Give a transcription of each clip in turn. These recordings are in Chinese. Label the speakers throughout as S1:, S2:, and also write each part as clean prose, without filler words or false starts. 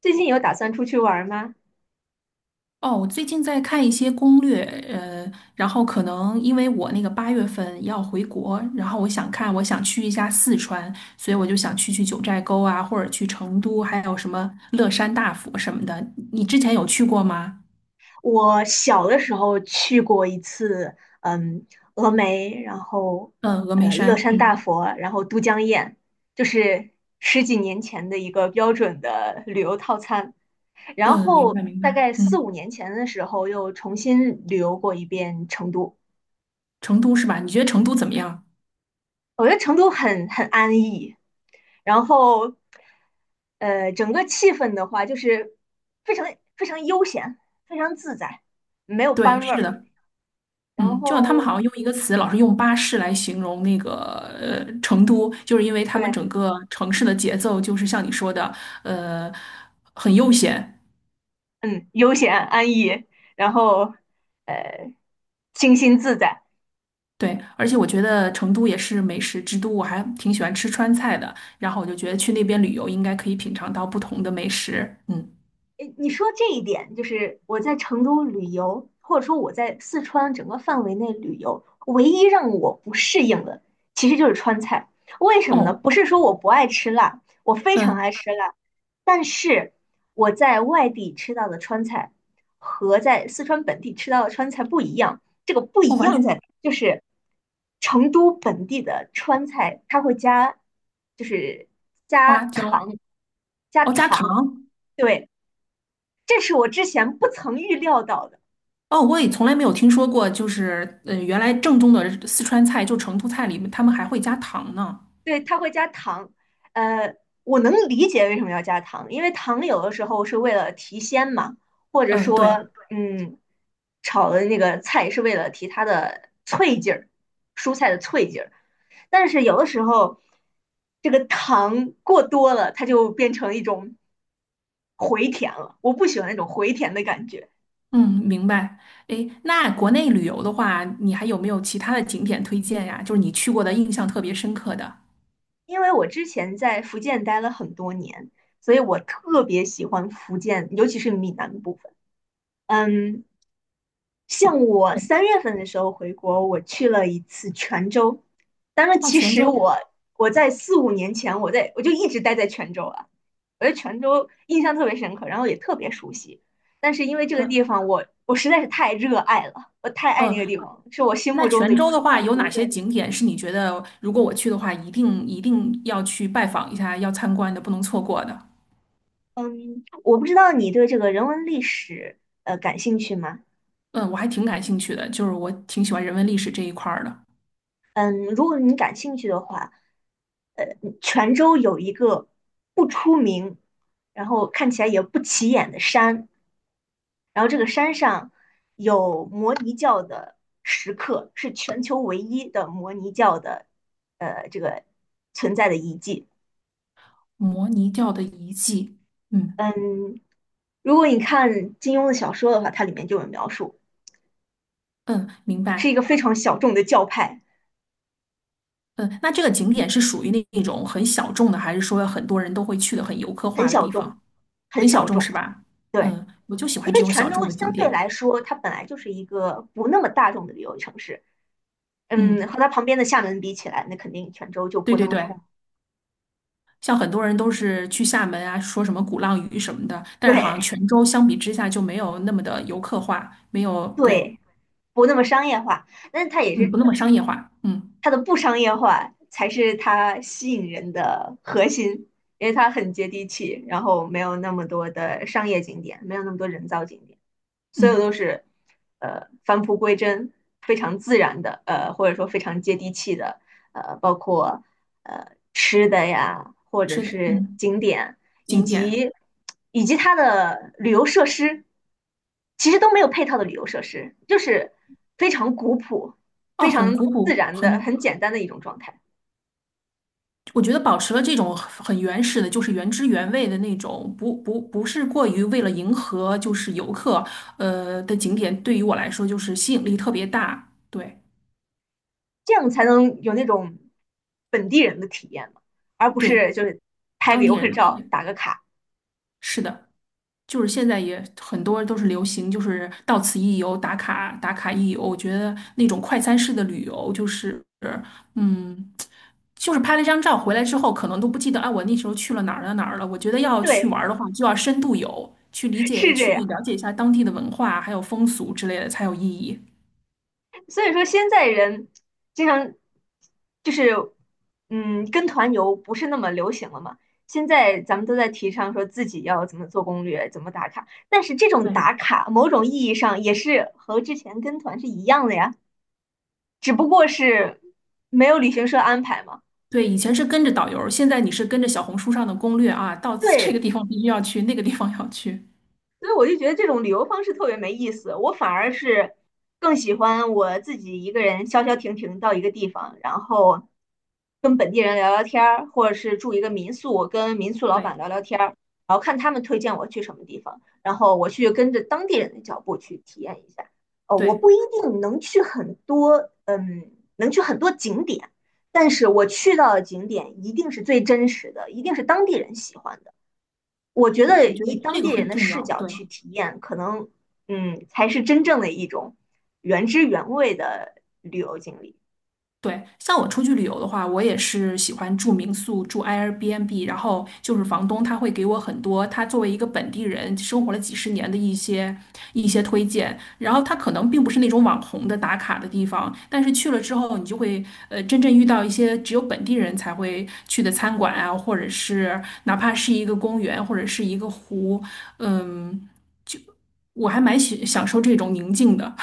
S1: 最近有打算出去玩吗？
S2: 哦，我最近在看一些攻略，然后可能因为我那个八月份要回国，然后我想看，我想去一下四川，所以我就想去九寨沟啊，或者去成都，还有什么乐山大佛什么的。你之前有去过吗？
S1: 我小的时候去过一次，峨眉，然后
S2: 嗯，峨眉
S1: 乐
S2: 山，
S1: 山大
S2: 嗯
S1: 佛，然后都江堰，就是十几年前的一个标准的旅游套餐。然
S2: 嗯，明
S1: 后
S2: 白明
S1: 大
S2: 白，
S1: 概四五
S2: 嗯，
S1: 年前的时候，又重新旅游过一遍成都。
S2: 成都是吧？你觉得成都怎么样？
S1: 我觉得成都很安逸，然后整个气氛的话，就是非常非常悠闲，非常自在，没有
S2: 对，
S1: 班味
S2: 是
S1: 儿。
S2: 的。
S1: 然
S2: 嗯，就像他们
S1: 后
S2: 好像用一个词，老是用巴士来形容那个成都，就是因为他们
S1: 对，
S2: 整个城市的节奏就是像你说的，呃，很悠闲。
S1: 嗯，悠闲安逸，然后呃，清新自在。
S2: 对，而且我觉得成都也是美食之都，我还挺喜欢吃川菜的。然后我就觉得去那边旅游应该可以品尝到不同的美食。嗯，
S1: 诶，你说这一点，就是我在成都旅游，或者说我在四川整个范围内旅游，唯一让我不适应的，其实就是川菜。为什么呢？
S2: 哦，
S1: 不是说我不爱吃辣，我非常爱
S2: 嗯，
S1: 吃辣，但是我在外地吃到的川菜和在四川本地吃到的川菜不一样。这个不
S2: 哦，
S1: 一
S2: 完
S1: 样
S2: 全
S1: 在哪就是成都本地的川菜，它会加，就是加
S2: 花椒，
S1: 糖，加
S2: 哦，加
S1: 糖。
S2: 糖，
S1: 对，这是我之前不曾预料到的。
S2: 哦，我也从来没有听说过，就是原来正宗的四川菜，就成都菜里面，他们还会加糖呢。
S1: 对，它会加糖，呃，我能理解为什么要加糖，因为糖有的时候是为了提鲜嘛，或者
S2: 嗯，对。
S1: 说，炒的那个菜是为了提它的脆劲儿，蔬菜的脆劲儿。但是有的时候，这个糖过多了，它就变成一种回甜了。我不喜欢那种回甜的感觉。
S2: 嗯，明白。诶，那国内旅游的话，你还有没有其他的景点推荐呀？就是你去过的印象特别深刻的。
S1: 因为我之前在福建待了很多年，所以我特别喜欢福建，尤其是闽南部分。嗯，像我
S2: 哦，
S1: 3月份的时候回国，我去了一次泉州。当然，
S2: 哦，
S1: 其
S2: 泉
S1: 实
S2: 州。
S1: 我在四五年前，我就一直待在泉州了。我对泉州印象特别深刻，然后也特别熟悉。但是因为这个地
S2: 嗯
S1: 方我实在是太热爱了，我太爱
S2: 嗯，
S1: 那个地方了，是我心
S2: 那
S1: 目中的
S2: 泉州的话，
S1: 南
S2: 有
S1: 国。
S2: 哪些景点是你觉得如果我去的话，一定一定要去拜访一下，要参观的，不能错过的？
S1: 嗯，我不知道你对这个人文历史感兴趣吗？
S2: 嗯，我还挺感兴趣的，就是我挺喜欢人文历史这一块儿的。
S1: 嗯，如果你感兴趣的话，呃，泉州有一个不出名，然后看起来也不起眼的山，然后这个山上有摩尼教的石刻，是全球唯一的摩尼教的这个存在的遗迹。
S2: 摩尼教的遗迹。嗯
S1: 嗯，如果你看金庸的小说的话，它里面就有描述，
S2: 嗯，明
S1: 是一
S2: 白。
S1: 个非常小众的教派。
S2: 嗯，那这个景点是属于那种很小众的，还是说很多人都会去的很游客
S1: 很
S2: 化的
S1: 小
S2: 地
S1: 众，
S2: 方？
S1: 很
S2: 很小
S1: 小
S2: 众
S1: 众。
S2: 是吧？
S1: 对，
S2: 嗯，我就喜
S1: 因
S2: 欢这
S1: 为
S2: 种
S1: 泉
S2: 小众
S1: 州
S2: 的
S1: 相
S2: 景
S1: 对
S2: 点。
S1: 来说，它本来就是一个不那么大众的旅游城市。
S2: 嗯，
S1: 嗯，和它旁边的厦门比起来，那肯定泉州就
S2: 对
S1: 不那
S2: 对
S1: 么
S2: 对，
S1: 出，
S2: 像很多人都是去厦门啊，说什么鼓浪屿什么的，但是好像
S1: 对
S2: 泉州相比之下就没有那么的游客化，没有，对，
S1: 对，不那么商业化。但是它也
S2: 嗯，不
S1: 是
S2: 那么商业化。嗯
S1: 它的不商业化才是它吸引人的核心，因为它很接地气，然后没有那么多的商业景点，没有那么多人造景点。所有
S2: 嗯，
S1: 都是返璞归真，非常自然的，或者说非常接地气的，包括吃的呀，或者
S2: 是的，
S1: 是
S2: 嗯，
S1: 景点，以
S2: 景点
S1: 及以及它的旅游设施，其实都没有配套的旅游设施，就是非常古朴、
S2: 哦，
S1: 非
S2: 很
S1: 常
S2: 古
S1: 自
S2: 朴，
S1: 然的、
S2: 很。
S1: 很简单的一种状态，
S2: 我觉得保持了这种很原始的，就是原汁原味的那种，不是过于为了迎合就是游客，的景点，对于我来说就是吸引力特别大。对
S1: 这样才能有那种本地人的体验嘛，而不
S2: 对，
S1: 是就是拍个
S2: 当地
S1: 游
S2: 人
S1: 客
S2: 的体
S1: 照
S2: 验。
S1: 打个卡，
S2: 是的，就是现在也很多都是流行，就是到此一游，打卡一游。我觉得那种快餐式的旅游，就是嗯，就是拍了一张照回来之后，可能都不记得啊，我那时候去了哪儿了。我觉得要去
S1: 对，
S2: 玩儿的话，就要深度游，去理解、
S1: 是这
S2: 去
S1: 样。
S2: 了解一下当地的文化还有风俗之类的，才有意义。
S1: 所以说现在人经常就是，跟团游不是那么流行了嘛。现在咱们都在提倡说自己要怎么做攻略，怎么打卡，但是这种
S2: 对
S1: 打卡某种意义上也是和之前跟团是一样的呀，只不过是没有旅行社安排嘛。
S2: 对，以前是跟着导游，现在你是跟着小红书上的攻略啊，到此这个
S1: 对，
S2: 地方必须要去，那个地方要去。
S1: 所以我就觉得这种旅游方式特别没意思，我反而是更喜欢我自己一个人消消停停到一个地方，然后跟本地人聊聊天儿，或者是住一个民宿，跟民宿老板
S2: 对
S1: 聊聊天儿，然后看他们推荐我去什么地方，然后我去跟着当地人的脚步去体验一下。哦，我
S2: 对。
S1: 不一定能去很多，能去很多景点，但是我去到的景点一定是最真实的，一定是当地人喜欢的。我觉
S2: 我
S1: 得
S2: 我觉得
S1: 以
S2: 这
S1: 当
S2: 个
S1: 地人
S2: 很
S1: 的
S2: 重
S1: 视
S2: 要，
S1: 角
S2: 对
S1: 去体验，可能才是真正的一种原汁原味的旅游经历。
S2: 对。像我出去旅游的话，我也是喜欢住民宿、住 Airbnb，然后就是房东他会给我很多他作为一个本地人生活了几十年的一些推荐，然后他可能并不是那种网红的打卡的地方，但是去了之后，你就会真正遇到一些只有本地人才会去的餐馆啊，或者是哪怕是一个公园或者是一个湖，嗯，就我还蛮喜享受这种宁静的。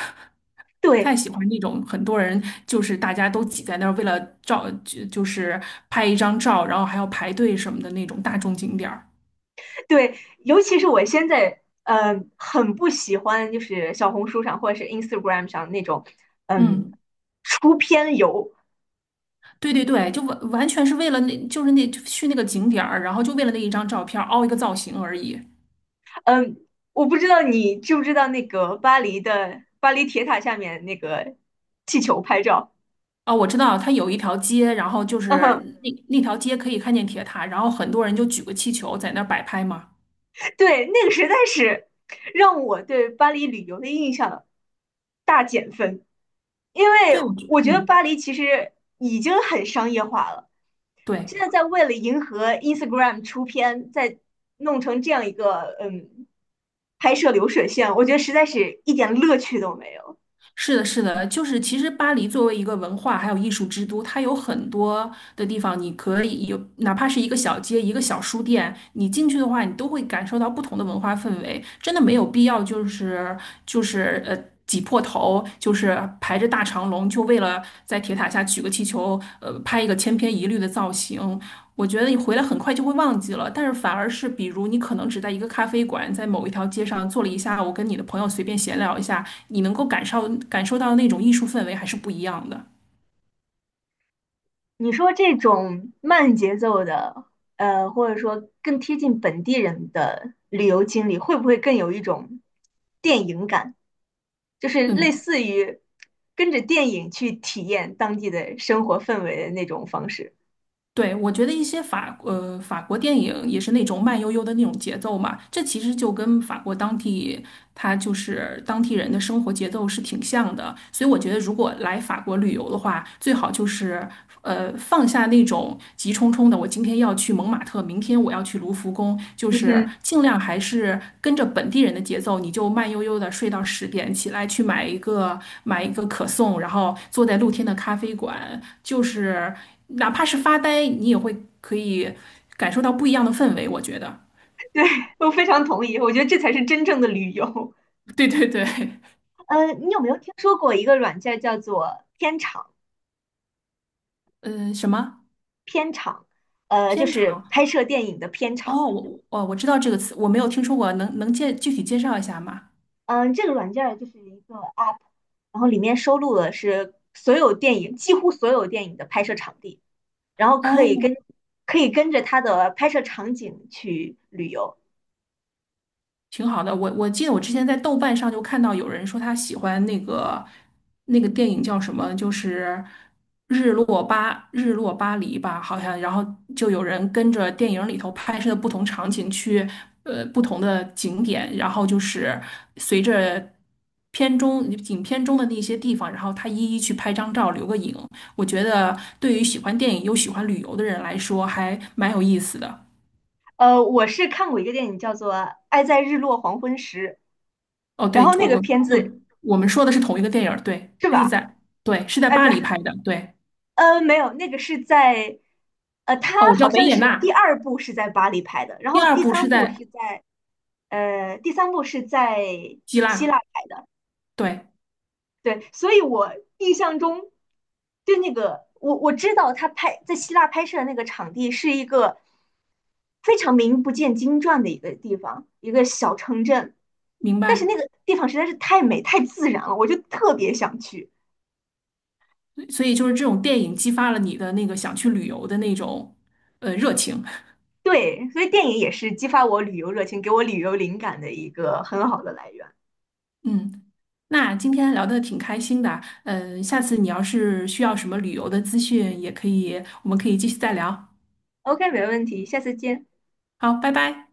S2: 不太
S1: 对
S2: 喜欢那种很多人就是大家都挤在那儿，为了照就是拍一张照，然后还要排队什么的那种大众景点儿。
S1: 对，尤其是我现在很不喜欢，就是小红书上或者是 Instagram 上那种
S2: 嗯，
S1: 嗯出片游。
S2: 对对对，就完完全是为了那，就是那就去那个景点儿，然后就为了那一张照片儿凹一个造型而已。
S1: 嗯，我不知道你知不知道那个巴黎铁塔下面那个气球拍照。
S2: 哦，我知道，它有一条街，然后就是 那条街可以看见铁塔，然后很多人就举个气球在那儿摆拍嘛。
S1: 对，那个实在是让我对巴黎旅游的印象大减分，因为
S2: 对，我觉，
S1: 我觉得
S2: 嗯，
S1: 巴黎其实已经很商业化了，
S2: 对。
S1: 现在在为了迎合 Instagram 出片，在弄成这样一个拍摄流水线，我觉得实在是一点乐趣都没有。
S2: 是的，是的，就是其实巴黎作为一个文化还有艺术之都，它有很多的地方，你可以有哪怕是一个小街、一个小书店，你进去的话，你都会感受到不同的文化氛围。真的没有必要，就是就是呃挤破头，就是排着大。大长龙，就为了在铁塔下举个气球，拍一个千篇一律的造型。我觉得你回来很快就会忘记了，但是反而是，比如你可能只在一个咖啡馆，在某一条街上坐了一下午，跟你的朋友随便闲聊一下，你能够感受到那种艺术氛围还是不一样的。
S1: 你说这种慢节奏的，或者说更贴近本地人的旅游经历，会不会更有一种电影感？就是类
S2: 嗯，
S1: 似于跟着电影去体验当地的生活氛围的那种方式。
S2: 对，我觉得一些法国电影也是那种慢悠悠的那种节奏嘛，这其实就跟法国当地它就是当地人的生活节奏是挺像的，所以我觉得如果来法国旅游的话，最好就是放下那种急冲冲的，我今天要去蒙马特，明天我要去卢浮宫，就
S1: 嗯
S2: 是
S1: 哼，
S2: 尽量还是跟着本地人的节奏，你就慢悠悠的睡到十点，起来去买一个可颂，然后坐在露天的咖啡馆，就是哪怕是发呆，你也会可以感受到不一样的氛围，我觉得。
S1: 我非常同意，我觉得这才是真正的旅游。
S2: 对对对，
S1: 你有没有听说过一个软件儿叫做片场？
S2: 嗯、什么
S1: 就
S2: 偏
S1: 是
S2: 长？
S1: 拍摄电影的片场。
S2: 哦，我知道这个词，我没有听说过，能能介具体介绍一下吗？
S1: 嗯、这个软件儿就是一个 app，然后里面收录的是所有电影，几乎所有电影的拍摄场地，然后
S2: 哦，
S1: 可以跟着它的拍摄场景去旅游。
S2: 挺好的。我记得我之前在豆瓣上就看到有人说他喜欢那个电影叫什么，就是日落巴黎吧，好像。然后就有人跟着电影里头拍摄的不同场景去不同的景点，然后就是随着。片中影片中的那些地方，然后他一一去拍张照，留个影。我觉得对于喜欢电影又喜欢旅游的人来说，还蛮有意思的。
S1: 我是看过一个电影叫做《爱在日落黄昏时》，
S2: 哦，
S1: 然
S2: 对，
S1: 后那个片子
S2: 我们说的是同一个电影儿对，
S1: 是
S2: 日
S1: 吧？
S2: 在，对，是在
S1: 爱
S2: 巴
S1: 在
S2: 黎拍的，对，
S1: 没有，那个是在呃，它
S2: 哦，我知
S1: 好
S2: 道维
S1: 像
S2: 也
S1: 是第
S2: 纳，
S1: 二部是在巴黎拍的，然
S2: 第
S1: 后
S2: 二部是在
S1: 第三部是在
S2: 希
S1: 希
S2: 腊，
S1: 腊拍。
S2: 对，
S1: 对，所以我印象中就那个我知道他拍在希腊拍摄的那个场地是一个非常名不见经传的一个地方，一个小城镇。
S2: 明
S1: 但是
S2: 白。
S1: 那个地方实在是太美、太自然了，我就特别想去。
S2: 所以就是这种电影激发了你的那个想去旅游的那种热情，
S1: 对，所以电影也是激发我旅游热情、给我旅游灵感的一个很好的来源。
S2: 嗯。那今天聊的挺开心的，嗯，下次你要是需要什么旅游的资讯，也可以，我们可以继续再聊。
S1: OK，没问题，下次见。
S2: 好，拜拜。